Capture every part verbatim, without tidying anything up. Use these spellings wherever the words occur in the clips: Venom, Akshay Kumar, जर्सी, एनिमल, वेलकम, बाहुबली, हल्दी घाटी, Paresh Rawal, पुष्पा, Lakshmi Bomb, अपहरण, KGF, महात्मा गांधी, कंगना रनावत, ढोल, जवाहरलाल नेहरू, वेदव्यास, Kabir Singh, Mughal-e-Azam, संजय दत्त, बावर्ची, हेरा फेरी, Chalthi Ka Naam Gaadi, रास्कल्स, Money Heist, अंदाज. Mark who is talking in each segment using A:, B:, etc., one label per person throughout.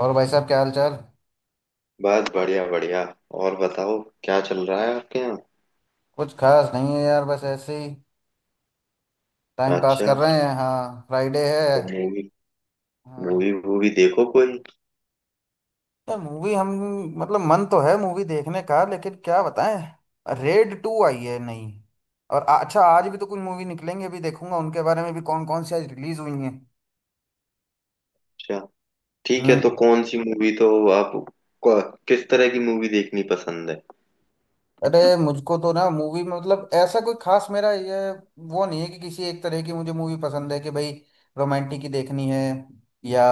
A: और भाई साहब, क्या हाल चाल।
B: बस बढ़िया बढ़िया। और बताओ क्या चल रहा है आपके यहाँ।
A: कुछ खास नहीं है यार, बस ऐसे ही टाइम पास
B: अच्छा,
A: कर रहे हैं। हाँ, फ्राइडे है।
B: तो मूवी
A: हाँ,
B: मूवी वूवी देखो कोई।
A: यार मूवी हम मतलब मन तो है मूवी देखने का, लेकिन क्या बताएं रेड टू आई है नहीं। और आ- अच्छा, आज भी तो कुछ मूवी निकलेंगे, अभी देखूंगा उनके बारे में भी, कौन कौन सी आज रिलीज हुई हैं।
B: अच्छा, ठीक है,
A: हम्म।
B: तो कौन सी मूवी तो आप को- किस तरह की मूवी देखनी पसंद है?
A: अरे मुझको तो ना मूवी में मतलब ऐसा कोई खास मेरा ये वो नहीं है कि किसी एक तरह की मुझे मूवी पसंद है कि भाई रोमांटिक ही देखनी है या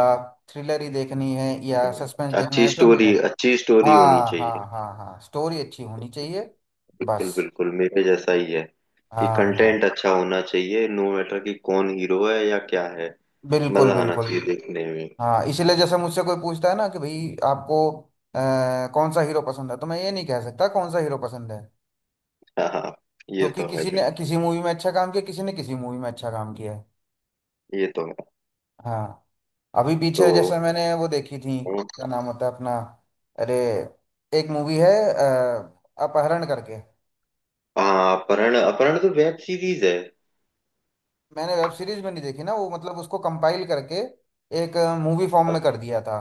A: थ्रिलर ही देखनी है या
B: हम्म।
A: सस्पेंस देखना
B: अच्छी
A: है, ऐसा नहीं है।
B: स्टोरी, अच्छी स्टोरी होनी
A: हाँ हाँ
B: चाहिए।
A: हाँ हाँ, स्टोरी अच्छी होनी चाहिए।
B: बिल्कुल
A: बस।
B: बिल्कुल, मेरे जैसा ही है कि
A: हाँ हाँ।
B: कंटेंट अच्छा होना चाहिए, नो मैटर कि कौन हीरो है या क्या है।
A: बिल्कुल
B: मजा आना
A: बिल्कुल।
B: चाहिए देखने में।
A: हाँ इसीलिए जैसे मुझसे कोई पूछता है ना कि भाई आपको अ, कौन सा हीरो पसंद है, तो मैं ये नहीं कह सकता कौन सा हीरो पसंद है,
B: हाँ हाँ, ये
A: क्योंकि
B: तो है
A: किसी ने
B: बिल्कुल।
A: किसी मूवी में अच्छा काम किया, किसी ने किसी मूवी में अच्छा काम किया है।
B: ये तो है।
A: हाँ। अभी
B: तो
A: पीछे जैसे मैंने वो देखी थी, क्या नाम होता है अपना। अरे, एक मूवी है अ, अपहरण करके।
B: हाँ, अपहरण, अपहरण तो वेब सीरीज है।
A: मैंने वेब सीरीज में नहीं देखी ना वो, मतलब उसको कंपाइल करके एक मूवी फॉर्म में कर दिया था।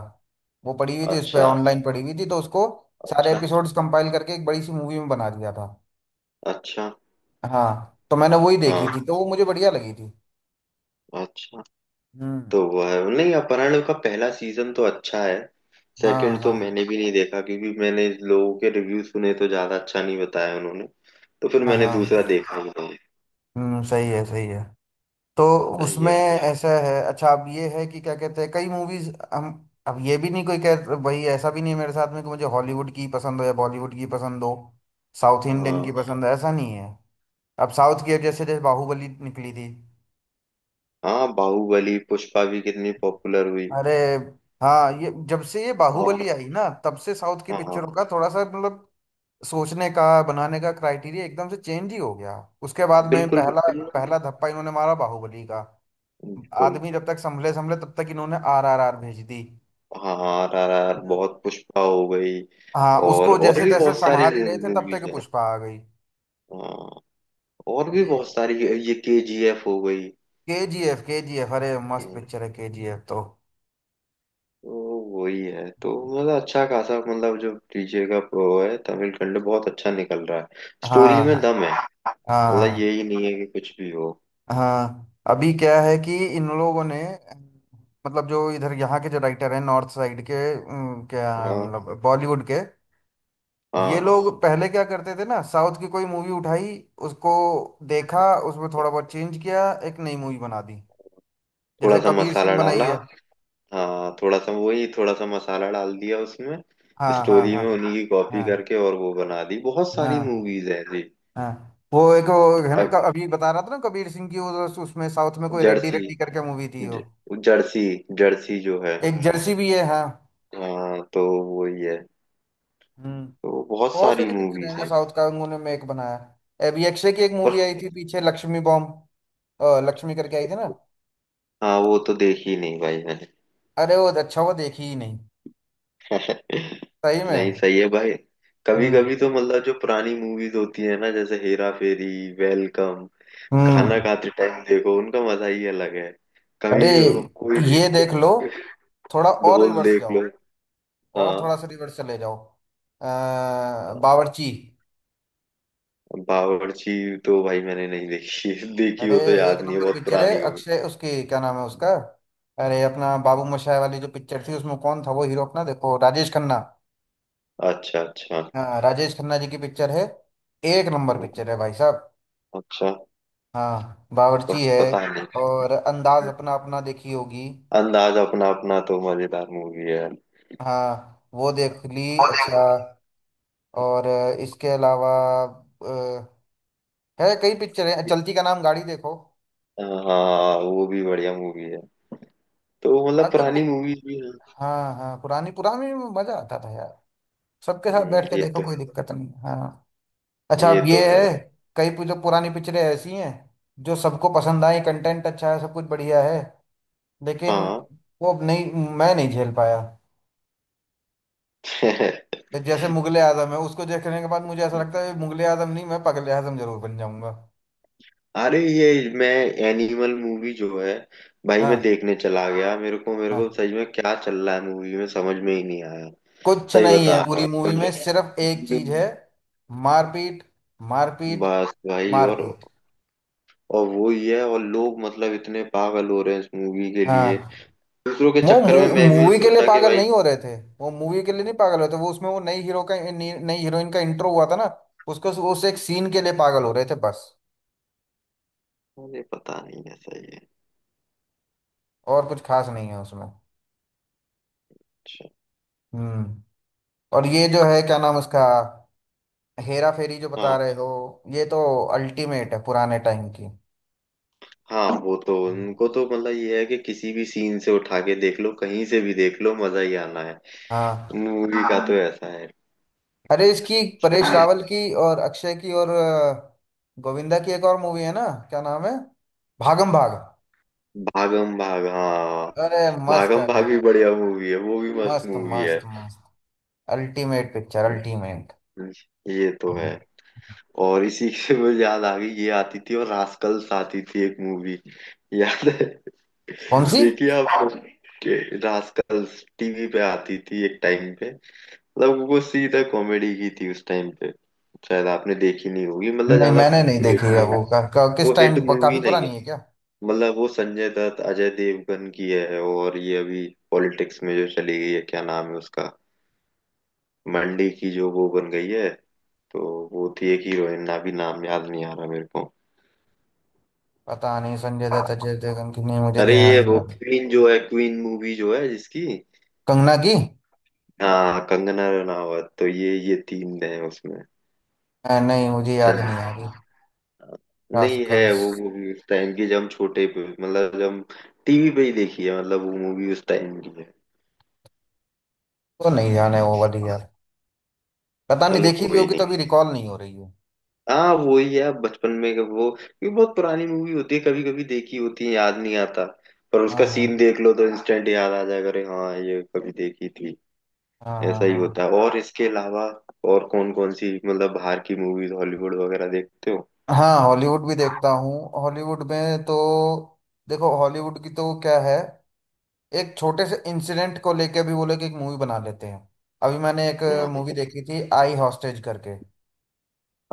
A: वो पड़ी हुई थी उस पे,
B: अच्छा।
A: ऑनलाइन पड़ी हुई थी, तो उसको सारे
B: अच्छा।
A: एपिसोड्स कंपाइल करके एक बड़ी सी मूवी में बना दिया था।
B: अच्छा।
A: हाँ, तो मैंने वही देखी
B: हाँ,
A: थी, तो वो मुझे बढ़िया लगी थी।
B: अच्छा,
A: हम्म।
B: तो वो है नहीं, अपहरण का पहला सीजन तो अच्छा है।
A: हाँ
B: सेकंड तो
A: हाँ
B: मैंने भी नहीं देखा, क्योंकि मैंने लोगों के रिव्यू सुने तो ज्यादा अच्छा नहीं बताया उन्होंने। तो फिर
A: हाँ
B: मैंने दूसरा
A: हाँ।
B: देखा ही नहीं।
A: हम्म, सही है सही है। तो
B: सही
A: उसमें
B: है।
A: ऐसा है, अच्छा अब ये है कि क्या कहते हैं, कई मूवीज हम अब ये भी नहीं, कोई कह, वही ऐसा भी नहीं है मेरे साथ में कि मुझे हॉलीवुड की पसंद हो या बॉलीवुड की पसंद हो, साउथ इंडियन की
B: हाँ,
A: हम्म पसंद हो, ऐसा नहीं है। अब साउथ की, अब जैसे जैसे बाहुबली निकली थी।
B: हाँ बाहुबली, पुष्पा भी कितनी पॉपुलर हुई।
A: अरे हाँ, ये जब से ये बाहुबली
B: और
A: आई ना, तब से साउथ की
B: हाँ,
A: पिक्चरों का थोड़ा सा मतलब सोचने का, बनाने का क्राइटेरिया एकदम से चेंज ही हो गया। उसके बाद में
B: बिल्कुल
A: पहला
B: बिल्कुल।
A: पहला धप्पा इन्होंने मारा बाहुबली का।
B: बिल्कुल।
A: आदमी जब तक संभले संभले तब तक इन्होंने आर आर आर भेज दी
B: हाँ, आर आर आर
A: ना।
B: बहुत, पुष्पा हो गई।
A: हाँ,
B: और
A: उसको
B: और
A: जैसे
B: भी
A: तैसे
B: बहुत सारी
A: संभाल ही रहे थे तब
B: मूवीज
A: तक
B: हैं।
A: पुष्पा आ गई।
B: हाँ, और भी
A: ये
B: बहुत सारी। ये के जी एफ हो गई।
A: K G F. K G F, अरे मस्त
B: हम्म,
A: पिक्चर है के जी एफ तो।
B: तो वही है तो। मतलब अच्छा खासा, मतलब जो डीजे का वो है, तमिल कंटेंट बहुत अच्छा निकल रहा है। स्टोरी में
A: हाँ
B: दम है। मतलब
A: हाँ
B: यही नहीं है कि कुछ भी हो।
A: हाँ। अभी क्या है कि इन लोगों ने, मतलब जो इधर यहाँ के जो राइटर हैं नॉर्थ साइड के, उम, क्या
B: हाँ
A: मतलब बॉलीवुड के, ये
B: हाँ,
A: लोग पहले क्या करते थे ना, साउथ की कोई मूवी उठाई, उसको देखा, उसमें थोड़ा बहुत चेंज किया, एक नई मूवी बना दी,
B: थोड़ा
A: जैसे
B: सा
A: कबीर सिंह
B: मसाला
A: बनाई
B: डाला।
A: है।
B: हाँ थोड़ा सा, वही थोड़ा सा मसाला डाल दिया उसमें।
A: हाँ हाँ
B: स्टोरी
A: हाँ।
B: में उन्हीं की कॉपी
A: हाँ
B: करके, और वो बना दी, बहुत सारी
A: हाँ
B: मूवीज है जी।
A: हाँ। वो एक वो है ना क-
B: अब
A: अभी बता रहा था ना कबीर सिंह की, वो तो उस- उसमें साउथ में कोई रेड्डी
B: जर्सी,
A: रेड्डी करके मूवी थी वो।
B: ज- जर्सी, जर्सी जो है,
A: एक जर्सी भी है। हाँ।
B: हाँ, तो वही है।
A: हम्म।
B: तो बहुत
A: बहुत
B: सारी
A: सारी पिक्चर
B: मूवीज
A: हैं जो
B: हैं।
A: साउथ का उन्होंने मेक बनाया है। अभी अक्षय की एक मूवी
B: पर
A: आई थी पीछे, लक्ष्मी बॉम्ब, अ, लक्ष्मी करके आई थी ना।
B: हाँ, वो तो देखी नहीं भाई मैंने।
A: अरे वो अच्छा हुआ देखी ही नहीं। सही में।
B: नहीं, सही है भाई। कभी
A: हम्म।
B: कभी तो मतलब जो पुरानी मूवीज होती है ना, जैसे हेरा फेरी, वेलकम,
A: हम्म।
B: खाना खाते टाइम देखो, उनका मजा ही अलग है। कभी
A: अरे
B: कोई
A: ये
B: भी
A: देख लो, थोड़ा और
B: ढोल
A: रिवर्स
B: देख
A: जाओ,
B: लो।
A: और
B: हाँ।
A: थोड़ा सा रिवर्स चले जाओ। अ,
B: हाँ।
A: बावर्ची।
B: बावर्ची तो भाई मैंने नहीं देखी। देखी
A: अरे
B: हो तो
A: एक
B: याद नहीं है,
A: नंबर
B: बहुत
A: पिक्चर है।
B: पुरानी हो।
A: अक्षय, उसकी क्या नाम है उसका, अरे अपना बाबू मोशाय वाली जो पिक्चर थी, उसमें कौन था वो हीरो अपना, देखो राजेश खन्ना।
B: अच्छा अच्छा।
A: हाँ, राजेश खन्ना जी की पिक्चर है, एक नंबर पिक्चर है भाई साहब।
B: अच्छा।
A: हाँ,
B: प-
A: बावर्ची है।
B: पता नहीं।
A: और अंदाज अपना अपना देखी होगी।
B: अंदाज अपना अपना तो मजेदार मूवी
A: हाँ वो देख ली।
B: है।
A: अच्छा। और इसके अलावा अ, है, कई पिक्चर है, चलती का नाम गाड़ी देखो।
B: हाँ, वो भी बढ़िया मूवी है। तो
A: हाँ
B: मतलब
A: तो
B: पुरानी
A: पु-
B: मूवी भी है।
A: हाँ हाँ, पुरानी पुरानी में मजा आता था यार। सबके साथ
B: हम्म,
A: बैठ के
B: ये
A: देखो
B: तो
A: कोई
B: है।
A: दिक्कत नहीं। हाँ, अच्छा
B: ये
A: अब ये
B: तो है
A: है,
B: भाई।
A: कई पु- जो पुरानी पिक्चरें ऐसी हैं जो सबको पसंद आई, कंटेंट अच्छा है, सब कुछ बढ़िया है, लेकिन
B: हाँ।
A: वो अब नहीं, मैं नहीं झेल पाया। तो जैसे मुगले आजम है, उसको देखने के बाद मुझे ऐसा लगता है मुगले आजम नहीं, मैं पगले आजम जरूर बन जाऊंगा।
B: अरे ये, मैं एनिमल मूवी जो है भाई, मैं
A: हाँ।
B: देखने चला गया, मेरे को मेरे को
A: हाँ,
B: सच में क्या चल रहा है मूवी में समझ में ही नहीं आया।
A: कुछ
B: सही
A: नहीं है
B: बता
A: पूरी
B: रहा हूँ।
A: मूवी में, सिर्फ एक चीज है, मारपीट, मारपीट,
B: बस भाई, और
A: मारपीट।
B: और वो ही है, और लोग मतलब इतने पागल हो रहे हैं इस मूवी के लिए।
A: हाँ,
B: दूसरों के
A: वो
B: चक्कर में मैं भी
A: मूवी के लिए
B: सोचा कि
A: पागल
B: भाई,
A: नहीं हो रहे थे, वो मूवी के लिए नहीं पागल होते, वो उसमें वो नई हीरो का, नई नई हीरोइन का इंट्रो हुआ था ना, उसको, उस एक सीन के लिए पागल हो रहे थे बस,
B: अरे पता नहीं, ऐसा ही है।
A: और कुछ खास नहीं है उसमें।
B: अच्छा।
A: हम्म। और ये जो है क्या नाम उसका, हेरा फेरी जो बता
B: हाँ।
A: रहे हो, ये तो अल्टीमेट है पुराने टाइम की।
B: हाँ वो तो उनको तो मतलब ये है कि किसी भी सीन से उठा के देख लो, कहीं से भी देख लो, मजा ही आना है
A: हाँ।
B: मूवी का। तो हाँ, ऐसा है।
A: अरे इसकी, परेश रावल की और अक्षय की और अ, गोविंदा की एक और मूवी है ना, क्या नाम है, भागम भाग।
B: भागम भाग, हाँ
A: अरे मस्त
B: भागम
A: है
B: भाग
A: भाई।
B: भी बढ़िया मूवी है, वो भी मस्त
A: मस्त,
B: मूवी है।
A: मस्त, मस्त, अल्टीमेट पिक्चर, अल्टीमेट।
B: ये तो
A: हम्म।
B: है। और इसी से मुझे याद आ गई, ये आती थी और रास्कल्स आती थी, एक मूवी। याद है?
A: कौन सी?
B: देखिए आप। रास्कल्स टीवी पे आती थी एक टाइम पे। मतलब वो सीधा कॉमेडी की थी उस टाइम पे। शायद आपने देखी नहीं होगी मतलब
A: नहीं
B: ज्यादा
A: मैंने नहीं देखी
B: हिट
A: है
B: मूवी।
A: वो का, का, किस
B: वो
A: टाइम?
B: हिट मूवी
A: काफी
B: नहीं है।
A: पुरानी है क्या?
B: मतलब वो संजय दत्त अजय देवगन की है, और ये अभी पॉलिटिक्स में जो चली गई है, क्या नाम है उसका, मंडी की जो वो बन गई है, तो वो थी एक हीरोइन, ना भी नाम याद नहीं आ रहा मेरे को।
A: पता नहीं, संजय दत्त अजय देवगन की नहीं मुझे
B: अरे ये
A: ध्यान नहीं
B: वो
A: आ रही।
B: क्वीन जो है, क्वीन मूवी जो है जिसकी।
A: कंगना की?
B: हाँ कंगना रनावत, तो ये ये तीन हैं
A: अ, नहीं मुझे याद
B: उसमें।
A: नहीं आ रही।
B: नहीं है
A: रास्कल्स,
B: वो मूवी उस टाइम की, जब हम छोटे पे, मतलब जब हम टीवी पे ही देखी है, मतलब वो मूवी उस टाइम की है।
A: तो नहीं जाने वो वाली यार, पता नहीं,
B: चलो
A: देखी भी
B: कोई
A: होगी तभी
B: नहीं।
A: रिकॉल नहीं हो रही है।
B: हाँ वो ही है, बचपन में का वो, क्योंकि बहुत पुरानी मूवी होती है, कभी कभी देखी होती है याद नहीं आता। पर उसका
A: हाँ हाँ।
B: सीन देख लो तो इंस्टेंट याद आ जाएगा, अरे हाँ ये कभी देखी थी।
A: हाँ
B: ऐसा
A: हाँ।
B: ही
A: हाँ
B: होता है। और इसके अलावा और कौन कौन सी मतलब बाहर की मूवीज, हॉलीवुड वगैरह देखते हो?
A: हाँ। हॉलीवुड भी देखता हूँ। हॉलीवुड में तो, देखो हॉलीवुड की तो क्या है, एक छोटे से इंसिडेंट को लेके भी वो लोग एक मूवी बना लेते हैं। अभी मैंने एक
B: हाँ, हाँ,
A: मूवी देखी थी, आई हॉस्टेज करके।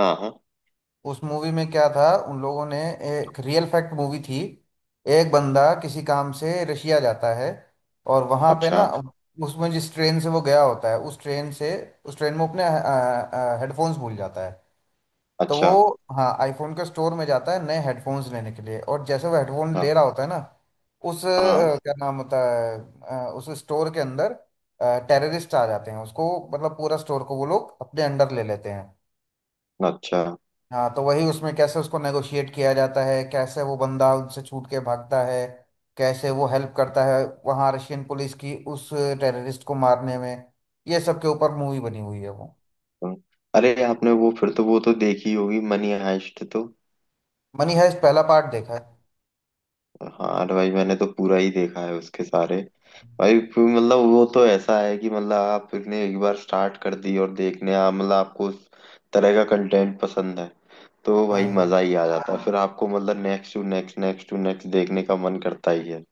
B: हाँ, हाँ, हाँ।
A: उस मूवी में क्या था, उन लोगों ने, एक रियल फैक्ट मूवी थी, एक बंदा किसी काम से रशिया जाता है और वहां पे ना
B: अच्छा।
A: उसमें जिस ट्रेन से वो गया होता है उस ट्रेन से, उस ट्रेन में वो अपने हेडफोन्स भूल जाता है। तो
B: अच्छा।
A: वो, हाँ, आईफोन के स्टोर में जाता है नए हेडफोन्स लेने के लिए, और जैसे वो हेडफोन
B: हाँ।
A: ले रहा होता है ना, उस अ,
B: हाँ।
A: क्या नाम होता है, अ, उस स्टोर के अंदर टेररिस्ट आ जाते हैं, उसको मतलब पूरा स्टोर को वो लोग अपने अंडर ले लेते हैं।
B: अच्छा।
A: हाँ, तो वही उसमें, कैसे उसको नेगोशिएट किया जाता है, कैसे वो बंदा उनसे छूट के भागता है, कैसे वो हेल्प करता है वहाँ रशियन पुलिस की उस टेररिस्ट को मारने में, ये सब के ऊपर मूवी बनी हुई है वो।
B: हम्म। अरे आपने वो फिर तो वो तो देखी होगी, मनी हाइस्ट तो।
A: मनी हाइस्ट पहला पार्ट देखा है।
B: हाँ, अरे भाई मैंने तो पूरा ही देखा है, उसके सारे। भाई फिर मतलब वो तो ऐसा है कि मतलब आपने एक बार स्टार्ट कर दी और देखने, आप मतलब आपको उस तरह का कंटेंट पसंद है, तो भाई
A: हाँ,
B: मजा ही आ जाता है। फिर आपको मतलब next to next, next to next देखने का मन करता ही है।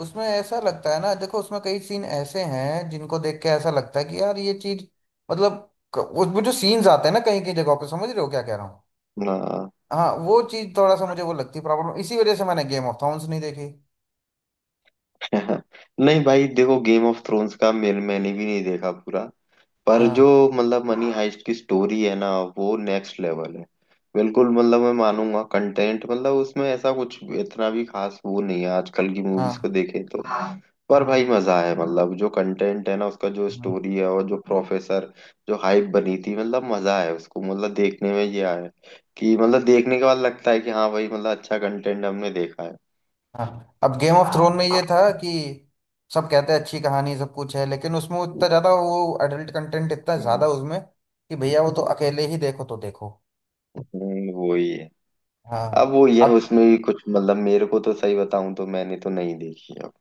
A: उसमें ऐसा लगता है ना, देखो उसमें कई सीन ऐसे हैं जिनको देख के ऐसा लगता है कि यार ये चीज मतलब, क- उसमें जो सीन्स आते हैं ना कहीं कहीं जगहों पे, समझ रहे हो क्या कह रहा हूँ।
B: हाँ।
A: हाँ, वो चीज थोड़ा सा मुझे वो लगती है प्रॉब्लम, इसी वजह से मैंने गेम ऑफ थ्रोन्स नहीं देखी।
B: नहीं भाई देखो, गेम ऑफ थ्रोन्स का मेरे, मैंने भी नहीं देखा पूरा। पर जो,
A: हाँ
B: मतलब मनी हाइस्ट की स्टोरी है ना, वो नेक्स्ट लेवल है। बिल्कुल, मतलब मैं मानूंगा कंटेंट, मतलब उसमें ऐसा कुछ इतना भी खास वो नहीं है, आजकल की मूवीज को
A: हाँ।
B: देखे तो। हाँ। पर
A: हम्म।
B: भाई मजा है, मतलब जो कंटेंट है ना उसका, जो
A: हम्म।
B: स्टोरी है और जो प्रोफेसर, जो हाइप बनी थी, मतलब मजा है उसको मतलब देखने में। ये आया कि मतलब देखने के बाद लगता है कि हाँ भाई, मतलब अच्छा कंटेंट हमने देखा है।
A: हाँ, अब गेम ऑफ थ्रोन
B: हाँ।
A: में ये था कि सब कहते हैं अच्छी कहानी सब कुछ है, लेकिन उसमें इतना ज्यादा वो एडल्ट कंटेंट इतना
B: हम्म,
A: ज्यादा उसमें कि भैया वो तो अकेले ही देखो तो देखो।
B: हम्म, वही है। अब
A: हाँ।
B: वो ये उसमें भी कुछ, मतलब मेरे को तो सही बताऊं तो मैंने तो नहीं देखी अब,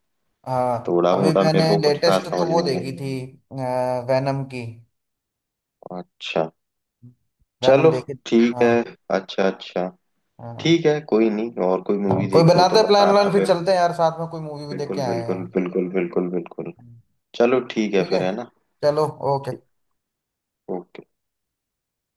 A: हाँ,
B: थोड़ा
A: अभी
B: मोड़ा, मेरे
A: मैंने
B: को कुछ खास
A: लेटेस्ट तो
B: समझ
A: वो
B: नहीं
A: देखी थी,
B: गया।
A: वैनम की,
B: अच्छा।
A: वैनम
B: चलो
A: देखी।
B: ठीक
A: हाँ।
B: है। अच्छा अच्छा।
A: हाँ।
B: ठीक है कोई नहीं, और कोई
A: हाँ।
B: मूवी
A: कोई
B: देखो तो
A: बनाते प्लान व्लान,
B: बताना
A: फिर
B: फिर।
A: चलते हैं यार साथ में कोई मूवी भी देख के
B: बिल्कुल
A: आए हैं।
B: बिल्कुल बिल्कुल बिल्कुल बिल्कुल, चलो ठीक है
A: ठीक है।
B: फिर, है ना?
A: चलो। ओके।
B: ठीक। ओके।